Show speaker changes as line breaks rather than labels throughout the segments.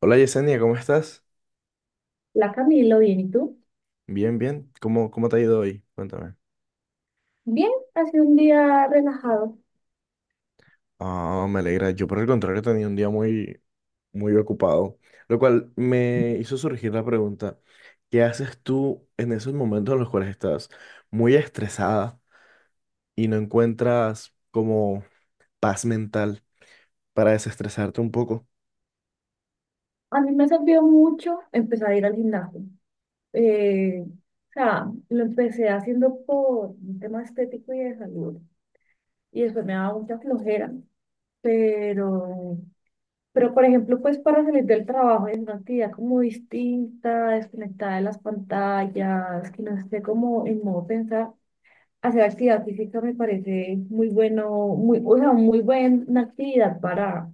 Hola Yesenia, ¿cómo estás?
La Camilo, bien, ¿y tú?
Bien, bien. ¿Cómo te ha ido hoy? Cuéntame.
Bien, ha sido un día relajado.
Ah, me alegra. Yo por el contrario tenía un día muy, muy ocupado, lo cual me hizo surgir la pregunta: ¿qué haces tú en esos momentos en los cuales estás muy estresada y no encuentras como paz mental para desestresarte un poco?
A mí me ha servido mucho empezar a ir al gimnasio. Eh, o sea, lo empecé haciendo por un tema estético y de salud. Y después me daba mucha flojera. Pero, pero por ejemplo, pues para salir del trabajo es una actividad como distinta, desconectada de las pantallas, que no esté como en modo pensar. Hacer actividad física me parece muy bueno, muy, o sea, muy buena actividad para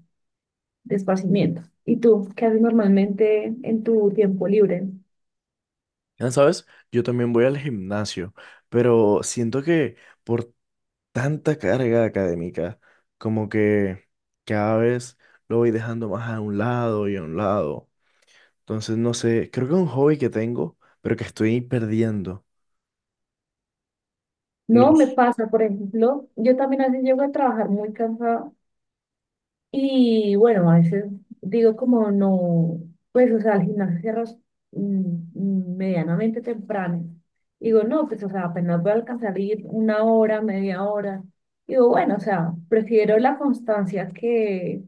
de esparcimiento. ¿Y tú qué haces normalmente en tu tiempo libre?
Ya sabes, yo también voy al gimnasio, pero siento que por tanta carga académica, como que cada vez lo voy dejando más a un lado y a un lado. Entonces, no sé, creo que es un hobby que tengo, pero que estoy perdiendo. No
No me
s-
pasa, por ejemplo, yo también a veces llego a trabajar muy cansada y bueno, a veces digo como no, pues o sea, al gimnasio cierras medianamente temprano. Digo, no, pues o sea, apenas voy a alcanzar a ir una hora, media hora. Digo, bueno, o sea, prefiero la constancia que,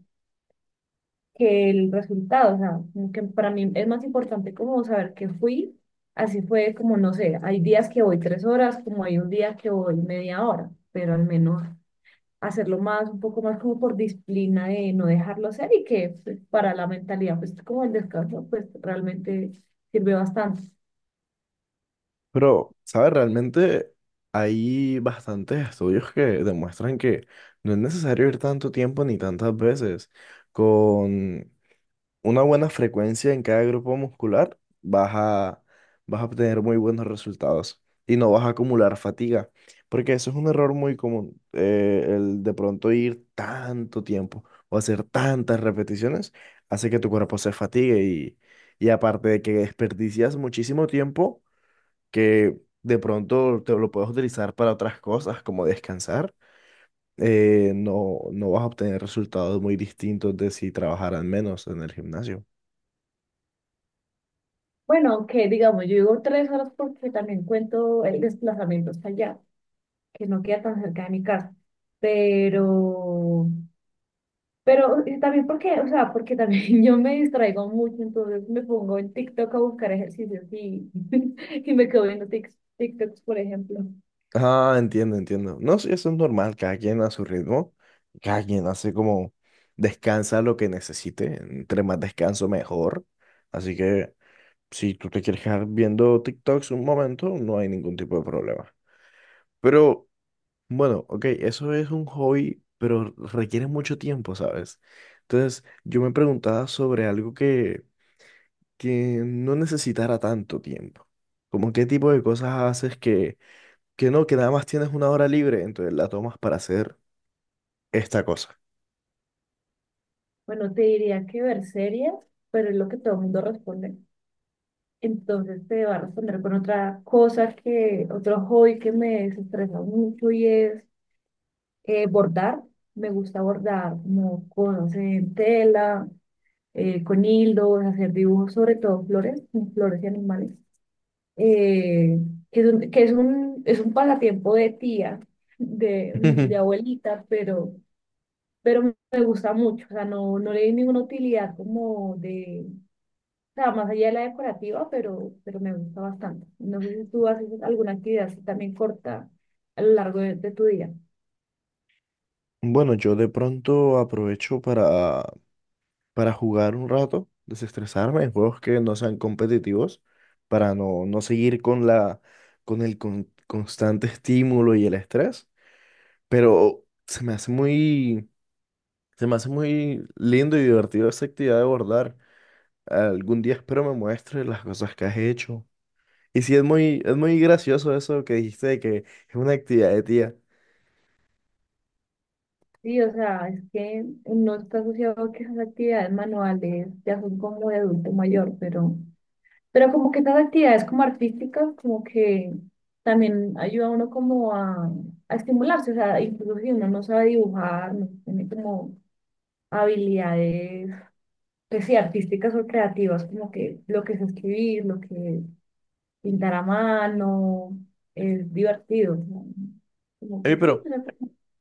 que el resultado, o sea, como que para mí es más importante como saber que fui, así fue como, no sé, hay días que voy tres horas, como hay un día que voy media hora, pero al menos hacerlo más, un poco más como por disciplina de no dejarlo hacer y que pues, para la mentalidad, pues como el descanso, pues realmente sirve bastante.
Pero, ¿sabes? Realmente hay bastantes estudios que demuestran que no es necesario ir tanto tiempo ni tantas veces. Con una buena frecuencia en cada grupo muscular, vas a obtener muy buenos resultados y no vas a acumular fatiga, porque eso es un error muy común, el de pronto ir tanto tiempo o hacer tantas repeticiones hace que tu cuerpo se fatigue, y aparte de que desperdicias muchísimo tiempo que de pronto te lo puedes utilizar para otras cosas como descansar. No, no vas a obtener resultados muy distintos de si trabajaran menos en el gimnasio.
Bueno, aunque digamos, yo digo tres horas porque también cuento el desplazamiento hasta allá, que no queda tan cerca de mi casa, pero... Pero también porque, o sea, porque también yo me distraigo mucho, entonces me pongo en TikTok a buscar ejercicios y, y me quedo viendo TikToks, por ejemplo.
Ah, entiendo, entiendo. No, sí, eso es normal, cada quien a su ritmo, cada quien hace como descansa lo que necesite; entre más descanso, mejor. Así que si tú te quieres quedar viendo TikToks un momento, no hay ningún tipo de problema. Pero bueno, ok, eso es un hobby, pero requiere mucho tiempo, ¿sabes? Entonces, yo me preguntaba sobre algo que no necesitara tanto tiempo. Como qué tipo de cosas haces que no, que nada más tienes una hora libre, entonces la tomas para hacer esta cosa.
Bueno, te diría que ver series, pero es lo que todo el mundo responde. Entonces te va a responder con otra cosa que, otro hobby que me desestresa mucho y es bordar. Me gusta bordar como cosas en tela, con hilos, hacer dibujos, sobre todo flores, flores y animales. eh, es un pasatiempo de tía, de abuelita, pero me gusta mucho, o sea, no, no le di ninguna utilidad como de, o sea, más allá de la decorativa, pero me gusta bastante. No sé si tú haces alguna actividad así también corta a lo largo de tu día.
Bueno, yo de pronto aprovecho para jugar un rato, desestresarme en juegos que no sean competitivos, para no, no seguir con la, constante estímulo y el estrés. Pero se me hace muy lindo y divertido esa actividad de bordar. Algún día espero me muestres las cosas que has hecho. Y sí, es muy gracioso eso que dijiste de que es una actividad de tía.
Sí, o sea, es que no está asociado a que esas actividades manuales ya son como de adulto mayor, pero... Pero como que estas actividades como artísticas, como que también ayuda a uno como a estimularse, o sea, incluso si uno no sabe dibujar, no tiene como habilidades, pues sí, artísticas o creativas, como que lo que es escribir, lo que es pintar a mano, es divertido, ¿no? Como
Oye,
que sí,
pero
o sea,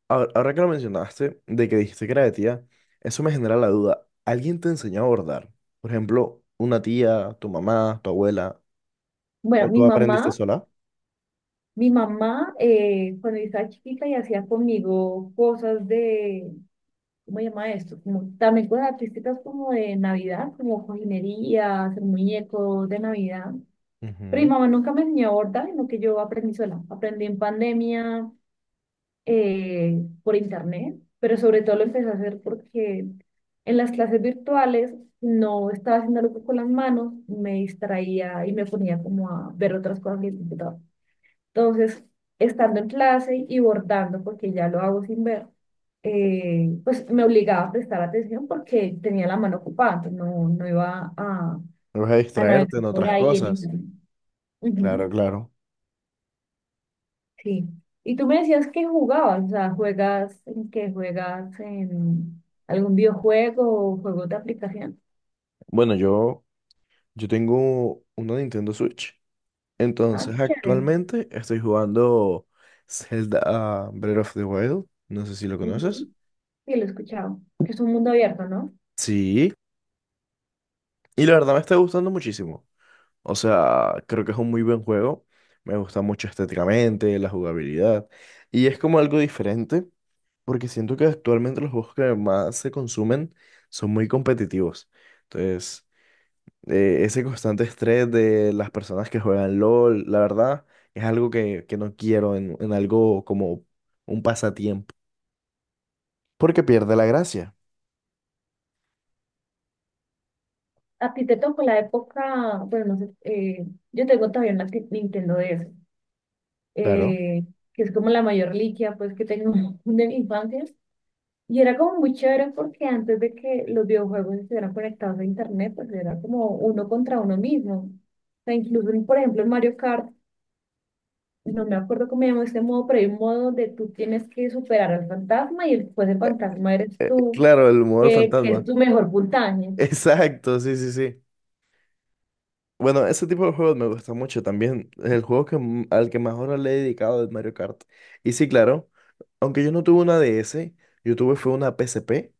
ahora que lo mencionaste, de que dijiste que era de tía, eso me genera la duda. ¿Alguien te enseñó a bordar? Por ejemplo, una tía, tu mamá, tu abuela,
bueno,
¿o
mi
tú aprendiste
mamá,
sola?
mi mamá, eh, cuando yo estaba chiquita y hacía conmigo cosas de ¿cómo se llama esto? Como, también cosas artísticas como de Navidad, como cojinería, hacer muñecos de Navidad. Pero mi
Ujú.
mamá nunca me enseñó a bordar, sino que yo aprendí sola. Aprendí en pandemia por internet, pero sobre todo lo empecé a hacer porque en las clases virtuales no estaba haciendo algo con las manos, me distraía y me ponía como a ver otras cosas en el computador. Entonces, estando en clase y bordando, porque ya lo hago sin ver, pues me obligaba a prestar atención porque tenía la mano ocupada, entonces no, no iba a
No vas a
a, navegar
distraerte en
por
otras
ahí en
cosas.
internet.
Claro,
Ujú,
claro.
sí. Y tú me decías que jugabas, o sea, juegas en qué juegas en algún videojuego o juego de aplicación.
Bueno, yo tengo una Nintendo Switch.
Ah,
Entonces,
qué chévere.
actualmente estoy jugando Zelda, Breath of the Wild. No sé si lo conoces.
Ujú, sí, lo he escuchado. Que es un mundo abierto, ¿no?
Sí. Y la verdad me está gustando muchísimo. O sea, creo que es un muy buen juego. Me gusta mucho estéticamente, la jugabilidad. Y es como algo diferente, porque siento que actualmente los juegos que más se consumen son muy competitivos. Entonces, ese constante estrés de las personas que juegan LOL, la verdad, es algo que no quiero en algo como un pasatiempo. Porque pierde la gracia.
A ti te tocó la época, bueno, no sé, yo tengo todavía una Nintendo DS.
Claro.
eh, que es como la mayor reliquia pues que tengo de mi infancia. Y era como muy chévere porque antes de que los videojuegos estuvieran conectados a internet, pues era como uno contra uno mismo. O sea, incluso, por ejemplo, en Mario Kart, no me acuerdo cómo se llama este modo, pero hay un modo donde tú tienes que superar al fantasma y después el fantasma eres tú,
Claro, el modo del
que es
fantasma.
tu mejor puntaje.
Exacto, sí, sí, sí. Bueno, ese tipo de juegos me gusta mucho también. El juego al que más horas le he dedicado es Mario Kart. Y sí, claro, aunque yo no tuve una DS, yo tuve fue una PSP,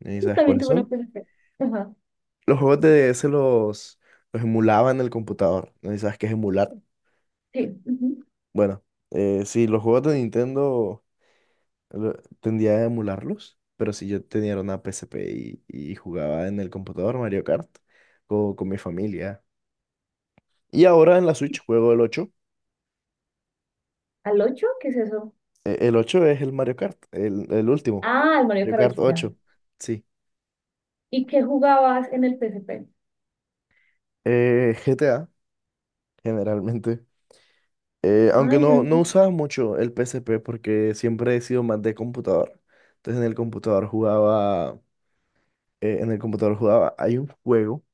¿y
Yo
sabes
también
cuáles
tuve una
son?
PSP. Ajá,
Los juegos de DS los emulaba en el computador, ¿no? ¿Y sabes qué es emular?
sí, ujú.
Bueno, sí, los juegos de Nintendo lo- tendía a emularlos, pero si yo tenía una PSP y jugaba en el computador Mario Kart con mi familia. Y ahora en la Switch juego el ocho.
¿Al ocho? ¿Qué es eso?
El 8 es el Mario Kart, el último.
Ah, el Mario
Mario
Kart
Kart
8 ya.
ocho sí.
¿Y qué jugabas en el PSP?
GTA generalmente. Aunque
Ay,
no,
yo-
no usaba mucho el PSP porque siempre he sido más de computador. Entonces en el computador jugaba, hay un juego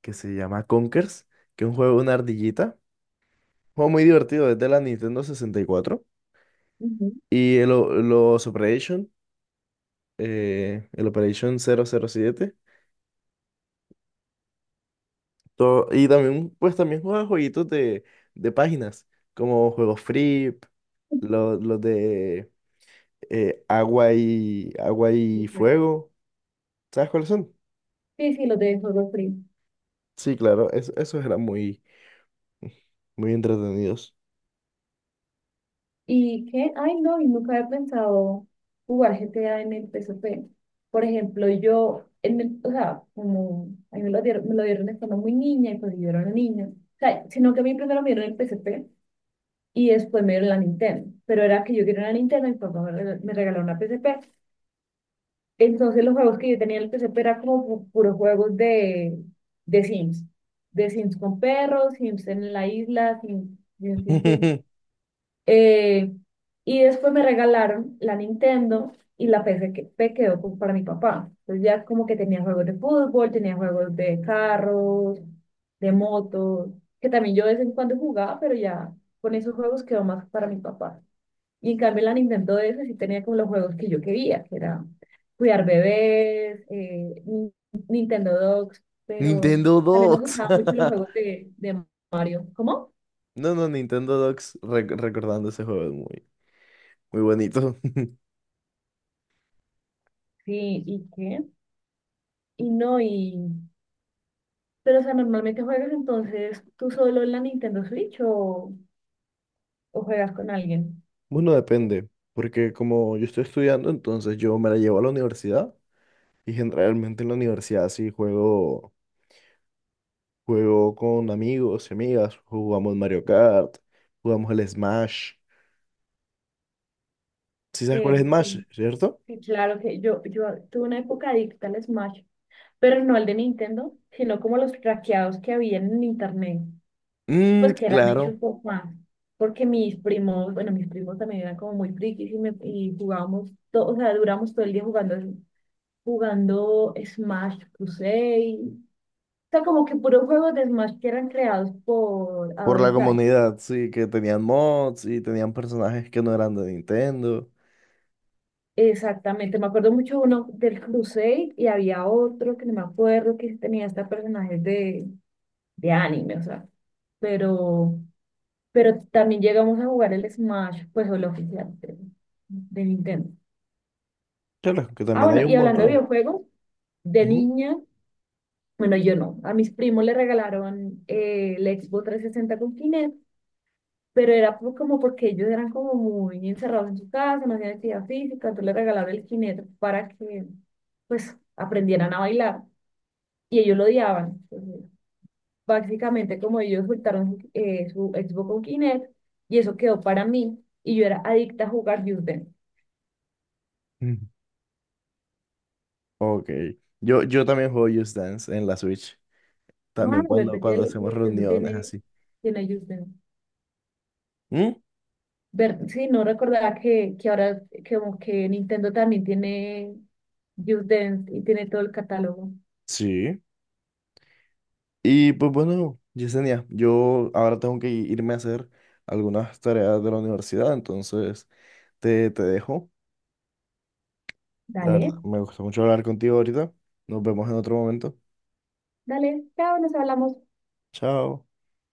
que se llama Conkers, que es un juego de una ardillita. Un juego muy divertido, es de la Nintendo 64
ujú.
y el Operation 007 todo. Y también, pues también jugaba jueguitos de páginas, como juegos free, los de agua y, fuego. ¿Sabes cuáles son?
Sí, sí, los de Halo Free.
Sí, claro, esos eran muy, muy entretenidos.
¿Y qué? Ay, no, y nunca había pensado jugar GTA en el P S P. Por ejemplo, yo, o sea, como a mí me lo dieron estando muy niña y pues yo era una niña. O sea, sino que a mí primero me dieron el P S P y después me dieron la Nintendo. Pero era que yo quería una Nintendo y mi papá me regaló una P S P. Entonces los juegos que yo tenía en el PCP eran como puros juegos de Sims. De Sims con perros, Sims en la isla, Sims. Eh, y después me regalaron la Nintendo y la P C que quedó como para mi papá. Entonces ya como que tenía juegos de fútbol, tenía juegos de carros, de motos, que también yo de vez en cuando jugaba, pero ya con esos juegos quedó más para mi papá. Y en cambio la Nintendo DS sí tenía como los juegos que yo quería, que era cuidar bebés, Nintendo Dogs, pero
Nintendo
también me
Docs.
gustaban mucho los juegos de Mario. ¿Cómo?
No, no, Nintendo Docs recordando ese juego, es muy, muy bonito.
Sí, ¿y qué? Y no, y... Pero, o sea, normalmente juegas entonces tú solo en la Nintendo Switch o juegas con alguien.
Bueno, depende, porque como yo estoy estudiando, entonces yo me la llevo a la universidad y generalmente en la universidad sí juego. Juego con amigos y amigas, jugamos Mario Kart, jugamos el Smash. ¿Sí sabes cuál es
Que, que,
Smash, cierto?
que claro que yo tuve una época adicta al Smash, pero no al de Nintendo, sino como los traqueados que había en internet.
Mm,
Pues que eran hechos
claro,
por Juan, porque mis primos, bueno, mis primos también eran como muy frikis y jugábamos, todo, o sea, duramos todo el día jugando, jugando Smash Crusade, o sea, como que puros juegos de Smash que eran creados por
por la
Adobe Flash.
comunidad, sí, que tenían mods y tenían personajes que no eran de Nintendo.
Exactamente, me acuerdo mucho uno del Crusade y había otro que no me acuerdo que tenía hasta personajes de anime, o sea, pero, pero también llegamos a jugar el Smash, pues el oficial de Nintendo.
Claro, que
Ah,
también hay
bueno,
un
y hablando de
montón.
videojuegos, de
Ujú.
niña, bueno, yo no. A mis primos le regalaron el Xbox 360 con Kinect, pero era como porque ellos eran como muy encerrados en su casa, no hacían actividad física, entonces le regalaron el Kinect para que, pues, aprendieran a bailar. Y ellos lo odiaban. Entonces, básicamente, como ellos soltaron su, su Xbox con Kinect, y eso quedó para mí, y yo era adicta a jugar Just Dance.
Ujú. Ok, yo también juego Just Dance en la Switch,
Ah,
también cuando,
verdad que
cuando
el
hacemos
Nintendo
reuniones
tiene,
así.
tiene Just Dance.
¿Mm?
Ver, sí, no recordaba que ahora que como que Nintendo también tiene Just Dance y tiene todo el catálogo.
Sí. Y pues bueno, Yesenia, yo ahora tengo que irme a hacer algunas tareas de la universidad, entonces te dejo. La
Dale,
verdad, me gustó mucho hablar contigo ahorita. Nos vemos en otro momento.
dale, chao, nos hablamos.
Chao.